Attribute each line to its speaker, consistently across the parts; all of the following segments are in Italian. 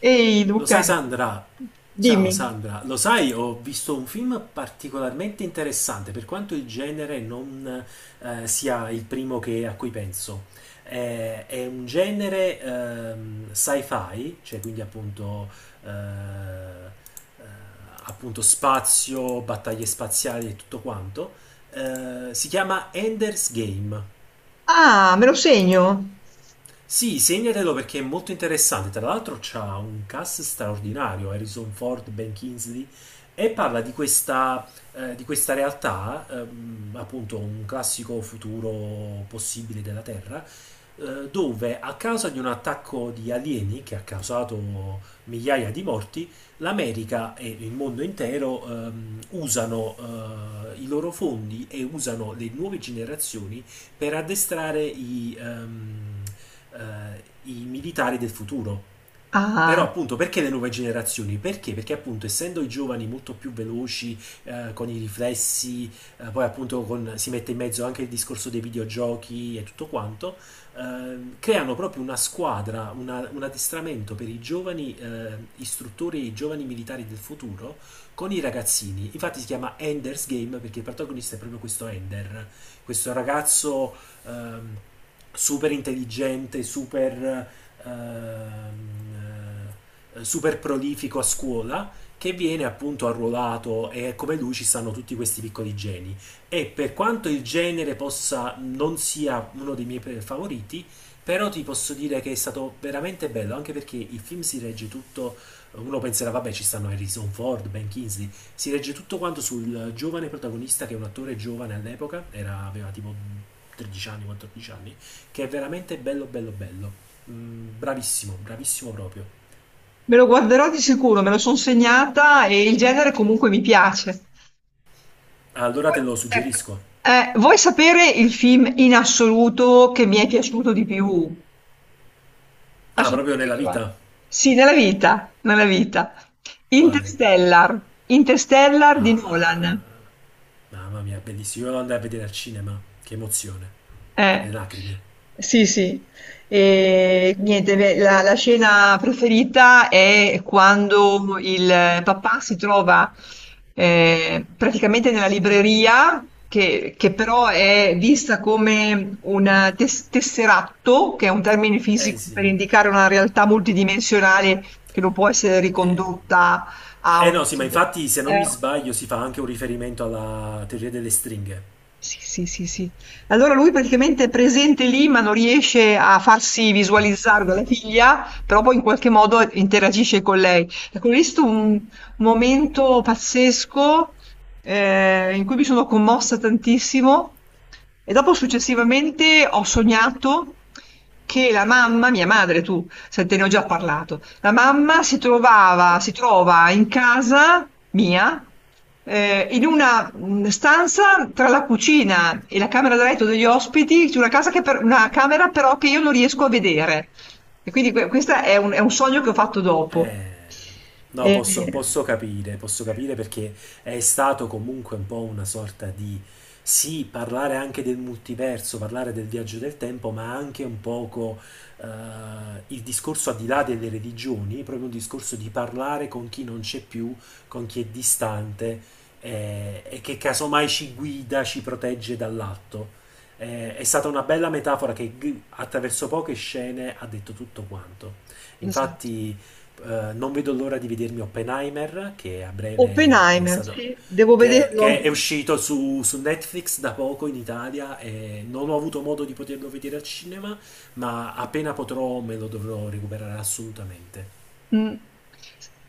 Speaker 1: Ehi
Speaker 2: Lo sai,
Speaker 1: Luca,
Speaker 2: Sandra? Ciao
Speaker 1: dimmi.
Speaker 2: Sandra, lo sai, ho visto un film particolarmente interessante, per quanto il genere non sia il primo che- a cui penso. È un genere sci-fi, cioè quindi appunto, eh, eh, appunto spazio, battaglie spaziali e tutto quanto. Si chiama Ender's Game.
Speaker 1: Ah, me lo segno?
Speaker 2: Sì, segnatelo perché è molto interessante. Tra l'altro c'ha un cast straordinario, Harrison Ford, Ben Kingsley, e parla di questa realtà, appunto un classico futuro possibile della Terra, dove a causa di un attacco di alieni che ha causato migliaia di morti, l'America e il mondo intero usano i loro fondi e usano le nuove generazioni per addestrare eh, i militari del futuro. Però
Speaker 1: Ah,
Speaker 2: appunto, perché le nuove generazioni? Perché? Perché appunto, essendo i giovani molto più veloci, con i riflessi, poi appunto con- si mette in mezzo anche il discorso dei videogiochi e tutto quanto, creano proprio una squadra, una- un addestramento per i giovani istruttori, i giovani militari del futuro con i ragazzini. Infatti si chiama Ender's Game perché il protagonista è proprio questo Ender, questo ragazzo ehm, super intelligente, ehm, super prolifico a scuola, che viene appunto arruolato, e come lui ci stanno tutti questi piccoli geni. E per quanto il genere possa non sia uno dei miei pre- favoriti, però ti posso dire che è stato veramente bello, anche perché il film si regge tutto. Uno penserà, vabbè, ci stanno Harrison Ford, Ben Kingsley. Si regge tutto quanto sul giovane protagonista, che è un attore giovane all'epoca, era- aveva tipo 13 anni, 14 anni, che è veramente bello, bello, bello. Mm, bravissimo, bravissimo proprio.
Speaker 1: me lo guarderò di sicuro, me lo sono segnata e il genere comunque mi piace.
Speaker 2: Ah, allora
Speaker 1: Poi,
Speaker 2: te lo
Speaker 1: ecco,
Speaker 2: suggerisco.
Speaker 1: vuoi sapere il film in assoluto che mi è piaciuto di più?
Speaker 2: Ah,
Speaker 1: Adesso te lo
Speaker 2: proprio nella
Speaker 1: dico, va.
Speaker 2: vita?
Speaker 1: Sì, nella vita, nella vita.
Speaker 2: Quale?
Speaker 1: Interstellar, Interstellar di
Speaker 2: Ah,
Speaker 1: Nolan.
Speaker 2: mamma mia, bellissimo. Io lo andai a vedere al cinema. Che emozione. Le
Speaker 1: Eh,
Speaker 2: lacrime.
Speaker 1: sì, sì. E niente, beh, la scena preferita è quando il papà si trova praticamente nella libreria, che però è vista come un tesseratto, che è un termine
Speaker 2: Eh
Speaker 1: fisico
Speaker 2: sì.
Speaker 1: per indicare una realtà multidimensionale che non può essere ricondotta a
Speaker 2: Eh no, sì, ma
Speaker 1: un...
Speaker 2: infatti, se non mi
Speaker 1: Eh,
Speaker 2: sbaglio, si fa anche un riferimento alla teoria delle stringhe.
Speaker 1: Sì, sì, sì, sì. Allora lui praticamente è presente lì, ma non riesce a farsi visualizzare dalla figlia, però poi in qualche modo interagisce con lei. Ecco, ho visto un momento pazzesco in cui mi sono commossa tantissimo e dopo successivamente ho sognato che la mamma, mia madre, tu, senti, ne ho già parlato. La mamma si trova in casa mia, in una stanza tra la cucina e la camera da letto degli ospiti, c'è una casa che una camera però che io non riesco a vedere. E quindi questo è è un sogno che ho fatto dopo.
Speaker 2: Eh, No, posso,
Speaker 1: E-
Speaker 2: posso capire, posso capire, perché è stato comunque un po' una sorta di, sì, parlare anche del multiverso, parlare del viaggio del tempo, ma anche un poco eh, il discorso al di là delle religioni, proprio un discorso di parlare con chi non c'è più, con chi è distante e che casomai ci guida, ci protegge dall'atto. È stata una bella metafora che g- attraverso poche scene ha detto tutto quanto.
Speaker 1: esatto.
Speaker 2: Infatti, non vedo l'ora di vedermi Oppenheimer, che a breve è
Speaker 1: Oppenheimer,
Speaker 2: stato...
Speaker 1: sì, devo
Speaker 2: Che è
Speaker 1: vederlo.
Speaker 2: uscito su, su Netflix da poco in Italia, e non ho avuto modo di poterlo vedere al cinema, ma appena potrò me lo dovrò recuperare assolutamente.
Speaker 1: Mh.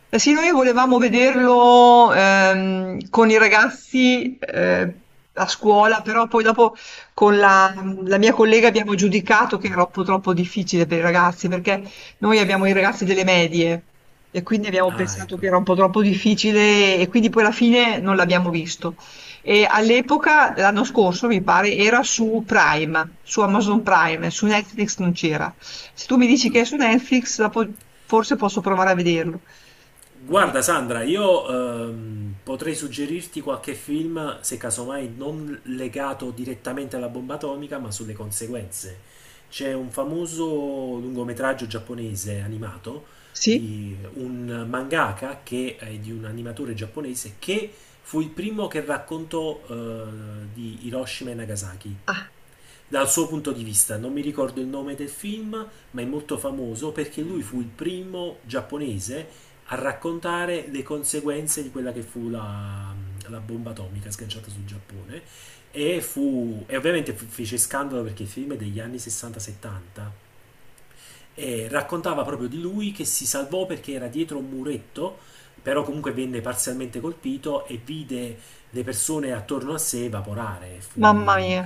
Speaker 1: Eh sì, noi volevamo vederlo, con i ragazzi, a scuola, però poi dopo con la mia collega abbiamo giudicato che era troppo troppo difficile per i ragazzi, perché noi abbiamo i ragazzi delle medie e quindi abbiamo
Speaker 2: Ah,
Speaker 1: pensato
Speaker 2: ecco.
Speaker 1: che era un po' troppo difficile e quindi poi alla fine non l'abbiamo visto. E all'epoca, l'anno scorso mi pare, era su Prime, su Amazon Prime, su Netflix non c'era. Se tu mi dici che è su Netflix, dopo forse posso provare a vederlo. Eh,
Speaker 2: Guarda Sandra, io potrei suggerirti qualche film, se casomai non legato direttamente alla bomba atomica, ma sulle conseguenze. C'è un famoso lungometraggio giapponese animato
Speaker 1: sì?
Speaker 2: di un mangaka, che è di un animatore giapponese che fu il primo che raccontò di Hiroshima e Nagasaki
Speaker 1: Ah,
Speaker 2: dal suo punto di vista. Non mi ricordo il nome del film, ma è molto famoso perché lui fu il primo giapponese a raccontare le conseguenze di quella che fu la, la bomba atomica sganciata sul Giappone. E, fu, e ovviamente fu- fece scandalo perché il film è degli anni 60-70 e raccontava proprio di lui, che si salvò perché era dietro un muretto, però comunque venne parzialmente colpito e vide le persone attorno a sé evaporare. Fu,
Speaker 1: mamma mia.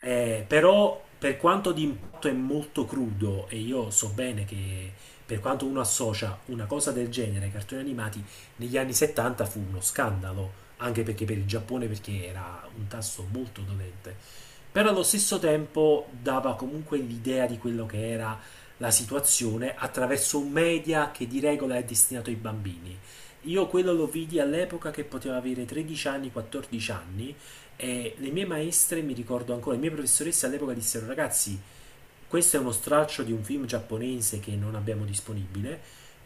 Speaker 2: però per quanto di impatto è molto crudo, e io so bene che per quanto uno associa una cosa del genere ai cartoni animati, negli anni 70 fu uno scandalo, anche perché per il Giappone, perché era un tasso molto dolente. Però allo stesso tempo dava comunque l'idea di quello che era la situazione, attraverso un media che di regola è destinato ai bambini. Io quello lo vidi all'epoca che potevo avere 13 anni, 14 anni, e le mie maestre, mi ricordo ancora, le mie professoresse all'epoca dissero: ragazzi, questo è uno straccio di un film giapponese che non abbiamo disponibile,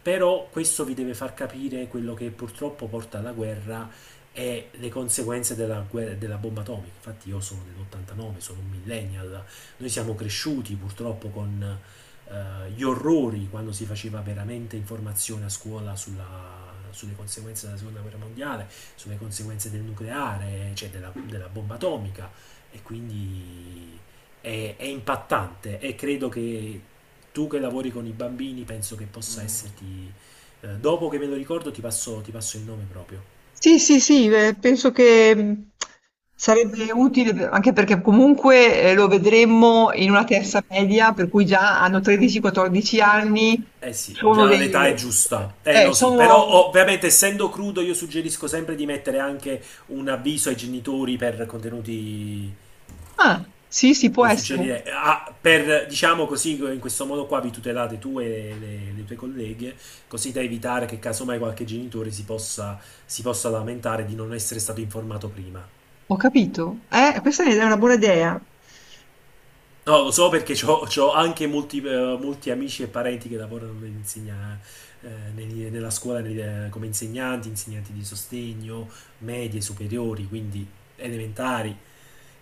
Speaker 2: però questo vi deve far capire quello che purtroppo porta alla guerra e le conseguenze della, guerra- della bomba atomica. Infatti io sono dell'89, sono un millennial, noi siamo cresciuti purtroppo con gli orrori, quando si faceva veramente informazione a scuola sulla- sulle conseguenze della seconda guerra mondiale, sulle conseguenze del nucleare, cioè della, della bomba atomica, e quindi è impattante e credo che tu, che lavori con i bambini, penso che possa. Mm. Esserti... dopo che me lo ricordo ti passo il nome proprio.
Speaker 1: Sì, sì, sì, penso che sarebbe utile anche perché comunque lo vedremmo in una terza media, per cui già hanno 13-14 anni,
Speaker 2: Eh sì,
Speaker 1: sono
Speaker 2: già l'età è
Speaker 1: dei...
Speaker 2: giusta. Eh no sì, però
Speaker 1: sono.
Speaker 2: oh, ovviamente essendo crudo io suggerisco sempre di mettere anche un avviso ai genitori per contenuti...
Speaker 1: Ah, sì, sì, può
Speaker 2: Lo
Speaker 1: essere.
Speaker 2: suggerirei. Ah, per, diciamo così, in questo modo qua vi tutelate tu e le tue colleghe, così da evitare che casomai qualche genitore si possa lamentare di non essere stato informato prima.
Speaker 1: Ho capito. Questa è una buona idea.
Speaker 2: No, lo so, perché ho anche molti, molti amici e parenti che lavorano nell'insegna- negli- nella scuola negli- come insegnanti, insegnanti di sostegno, medie, superiori, quindi elementari.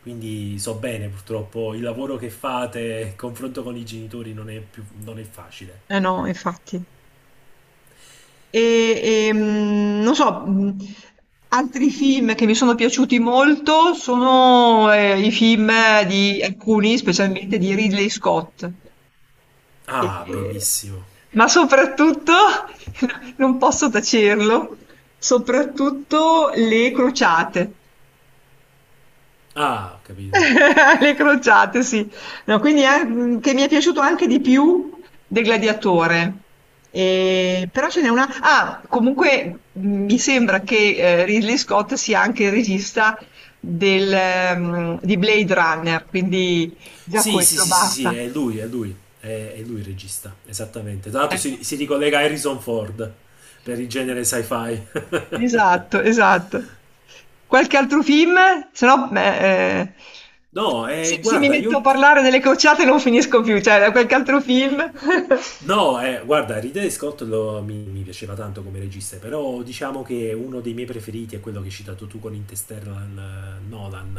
Speaker 2: Quindi so bene, purtroppo, il lavoro che fate, il confronto con i genitori non è più, non è facile.
Speaker 1: Eh no, infatti. Non so, altri film che mi sono piaciuti molto sono i film di alcuni, specialmente di Ridley Scott.
Speaker 2: Ah,
Speaker 1: E-
Speaker 2: bellissimo.
Speaker 1: ma soprattutto, non posso tacerlo, soprattutto Le Crociate.
Speaker 2: Ah, ho capito.
Speaker 1: Le crociate, sì. No, quindi che mi è piaciuto anche di più del Gladiatore. Però ce n'è una. Ah, comunque mi sembra che Ridley Scott sia anche il regista di Blade Runner, quindi già
Speaker 2: Sì, sì,
Speaker 1: quello
Speaker 2: sì, sì, sì,
Speaker 1: basta.
Speaker 2: è lui, è lui. È lui il regista, esattamente. Tra l'altro
Speaker 1: Eh.
Speaker 2: si, si ricollega a Harrison Ford per il genere sci-fi.
Speaker 1: Esatto, esatto. Qualche altro film? Se no,
Speaker 2: No,
Speaker 1: se, se mi
Speaker 2: guarda,
Speaker 1: metto
Speaker 2: io
Speaker 1: a
Speaker 2: ti...
Speaker 1: parlare delle cocciate non finisco più, cioè, da qualche altro film?
Speaker 2: No, guarda, Ridley Scott lo- mi piaceva tanto come regista, però diciamo che uno dei miei preferiti è quello che hai citato tu con Interstellar, Nolan,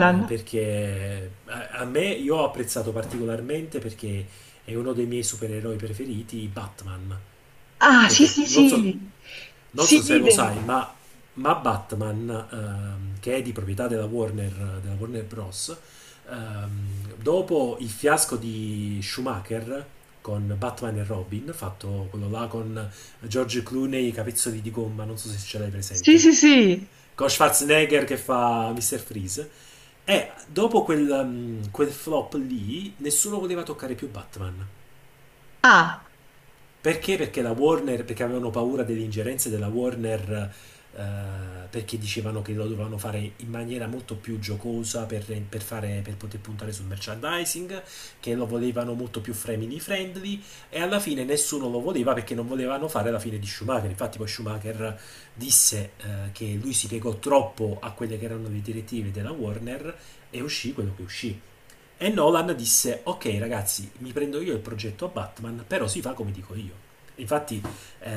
Speaker 2: perché a, a me, io ho apprezzato particolarmente, perché è uno dei miei supereroi preferiti, Batman,
Speaker 1: Ah, sì,
Speaker 2: perché
Speaker 1: sì,
Speaker 2: non so,
Speaker 1: sì.
Speaker 2: non
Speaker 1: Sì,
Speaker 2: so se lo
Speaker 1: idem.
Speaker 2: sai, ma Batman, che è di proprietà della Warner Bros., dopo il fiasco di Schumacher con Batman e Robin, fatto quello là con George Clooney, i capezzoli di gomma, non so se ce l'hai
Speaker 1: Sì, sì, sì,
Speaker 2: presente,
Speaker 1: sì.
Speaker 2: con Schwarzenegger che fa Mr. Freeze, e dopo quel, quel flop lì, nessuno voleva toccare più Batman.
Speaker 1: Ah,
Speaker 2: Perché? Perché la Warner, perché avevano paura delle ingerenze della Warner, perché dicevano che lo dovevano fare in maniera molto più giocosa per fare- per poter puntare sul merchandising, che lo volevano molto più family friendly, e alla fine nessuno lo voleva perché non volevano fare la fine di Schumacher. Infatti poi Schumacher disse che lui si piegò troppo a quelle che erano le direttive della Warner, e uscì quello che uscì. E Nolan disse: ok, ragazzi, mi prendo io il progetto a Batman, però si fa come dico io. Infatti, eh,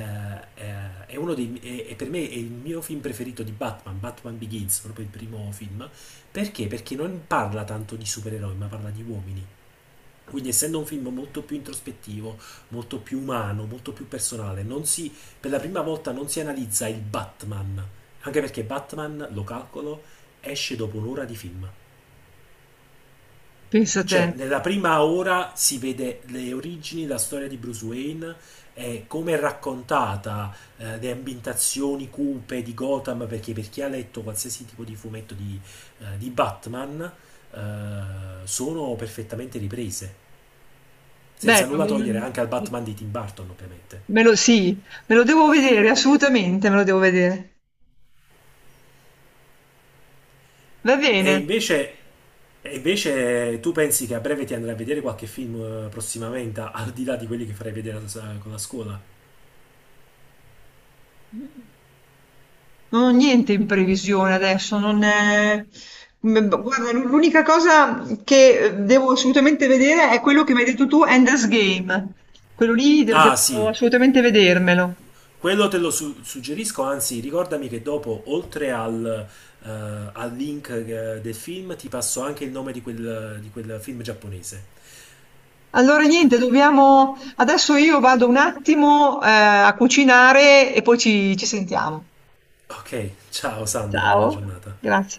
Speaker 2: è uno dei, è- è, per me, è il mio film preferito di Batman, Batman Begins, proprio il primo film. Perché? Perché non parla tanto di supereroi, ma parla di uomini. Quindi, essendo un film molto più introspettivo, molto più umano, molto più personale, non si, per la prima volta non si analizza il Batman. Anche perché Batman, lo calcolo, esce dopo un'ora di film.
Speaker 1: pensa te.
Speaker 2: Cioè, nella prima ora si vede le origini, la storia di Bruce Wayne, e come è raccontata, le ambientazioni cupe di Gotham, perché per chi ha letto qualsiasi tipo di fumetto di Batman, eh, sono perfettamente riprese, senza
Speaker 1: Beh, non
Speaker 2: nulla
Speaker 1: mi-
Speaker 2: togliere anche al Batman di Tim Burton, ovviamente.
Speaker 1: me lo, sì, me lo devo vedere, assolutamente me lo devo vedere. Va
Speaker 2: E
Speaker 1: bene.
Speaker 2: invece, e invece tu pensi che a breve ti andrai a vedere qualche film prossimamente, al di là di quelli che farai vedere a- con la scuola?
Speaker 1: Non ho niente in previsione adesso, non è... Guarda, l'unica cosa che devo assolutamente vedere è quello che mi hai detto tu, Ender's Game. Quello lì
Speaker 2: Ah
Speaker 1: devo
Speaker 2: sì,
Speaker 1: assolutamente vedermelo.
Speaker 2: quello te lo su- suggerisco, anzi ricordami che dopo, oltre al, eh, al link del film, ti passo anche il nome di quel film giapponese.
Speaker 1: Allora niente, dobbiamo... Adesso io vado un attimo a cucinare e poi ci sentiamo.
Speaker 2: Ok, ciao Sandra, buona
Speaker 1: Ciao,
Speaker 2: giornata.
Speaker 1: grazie.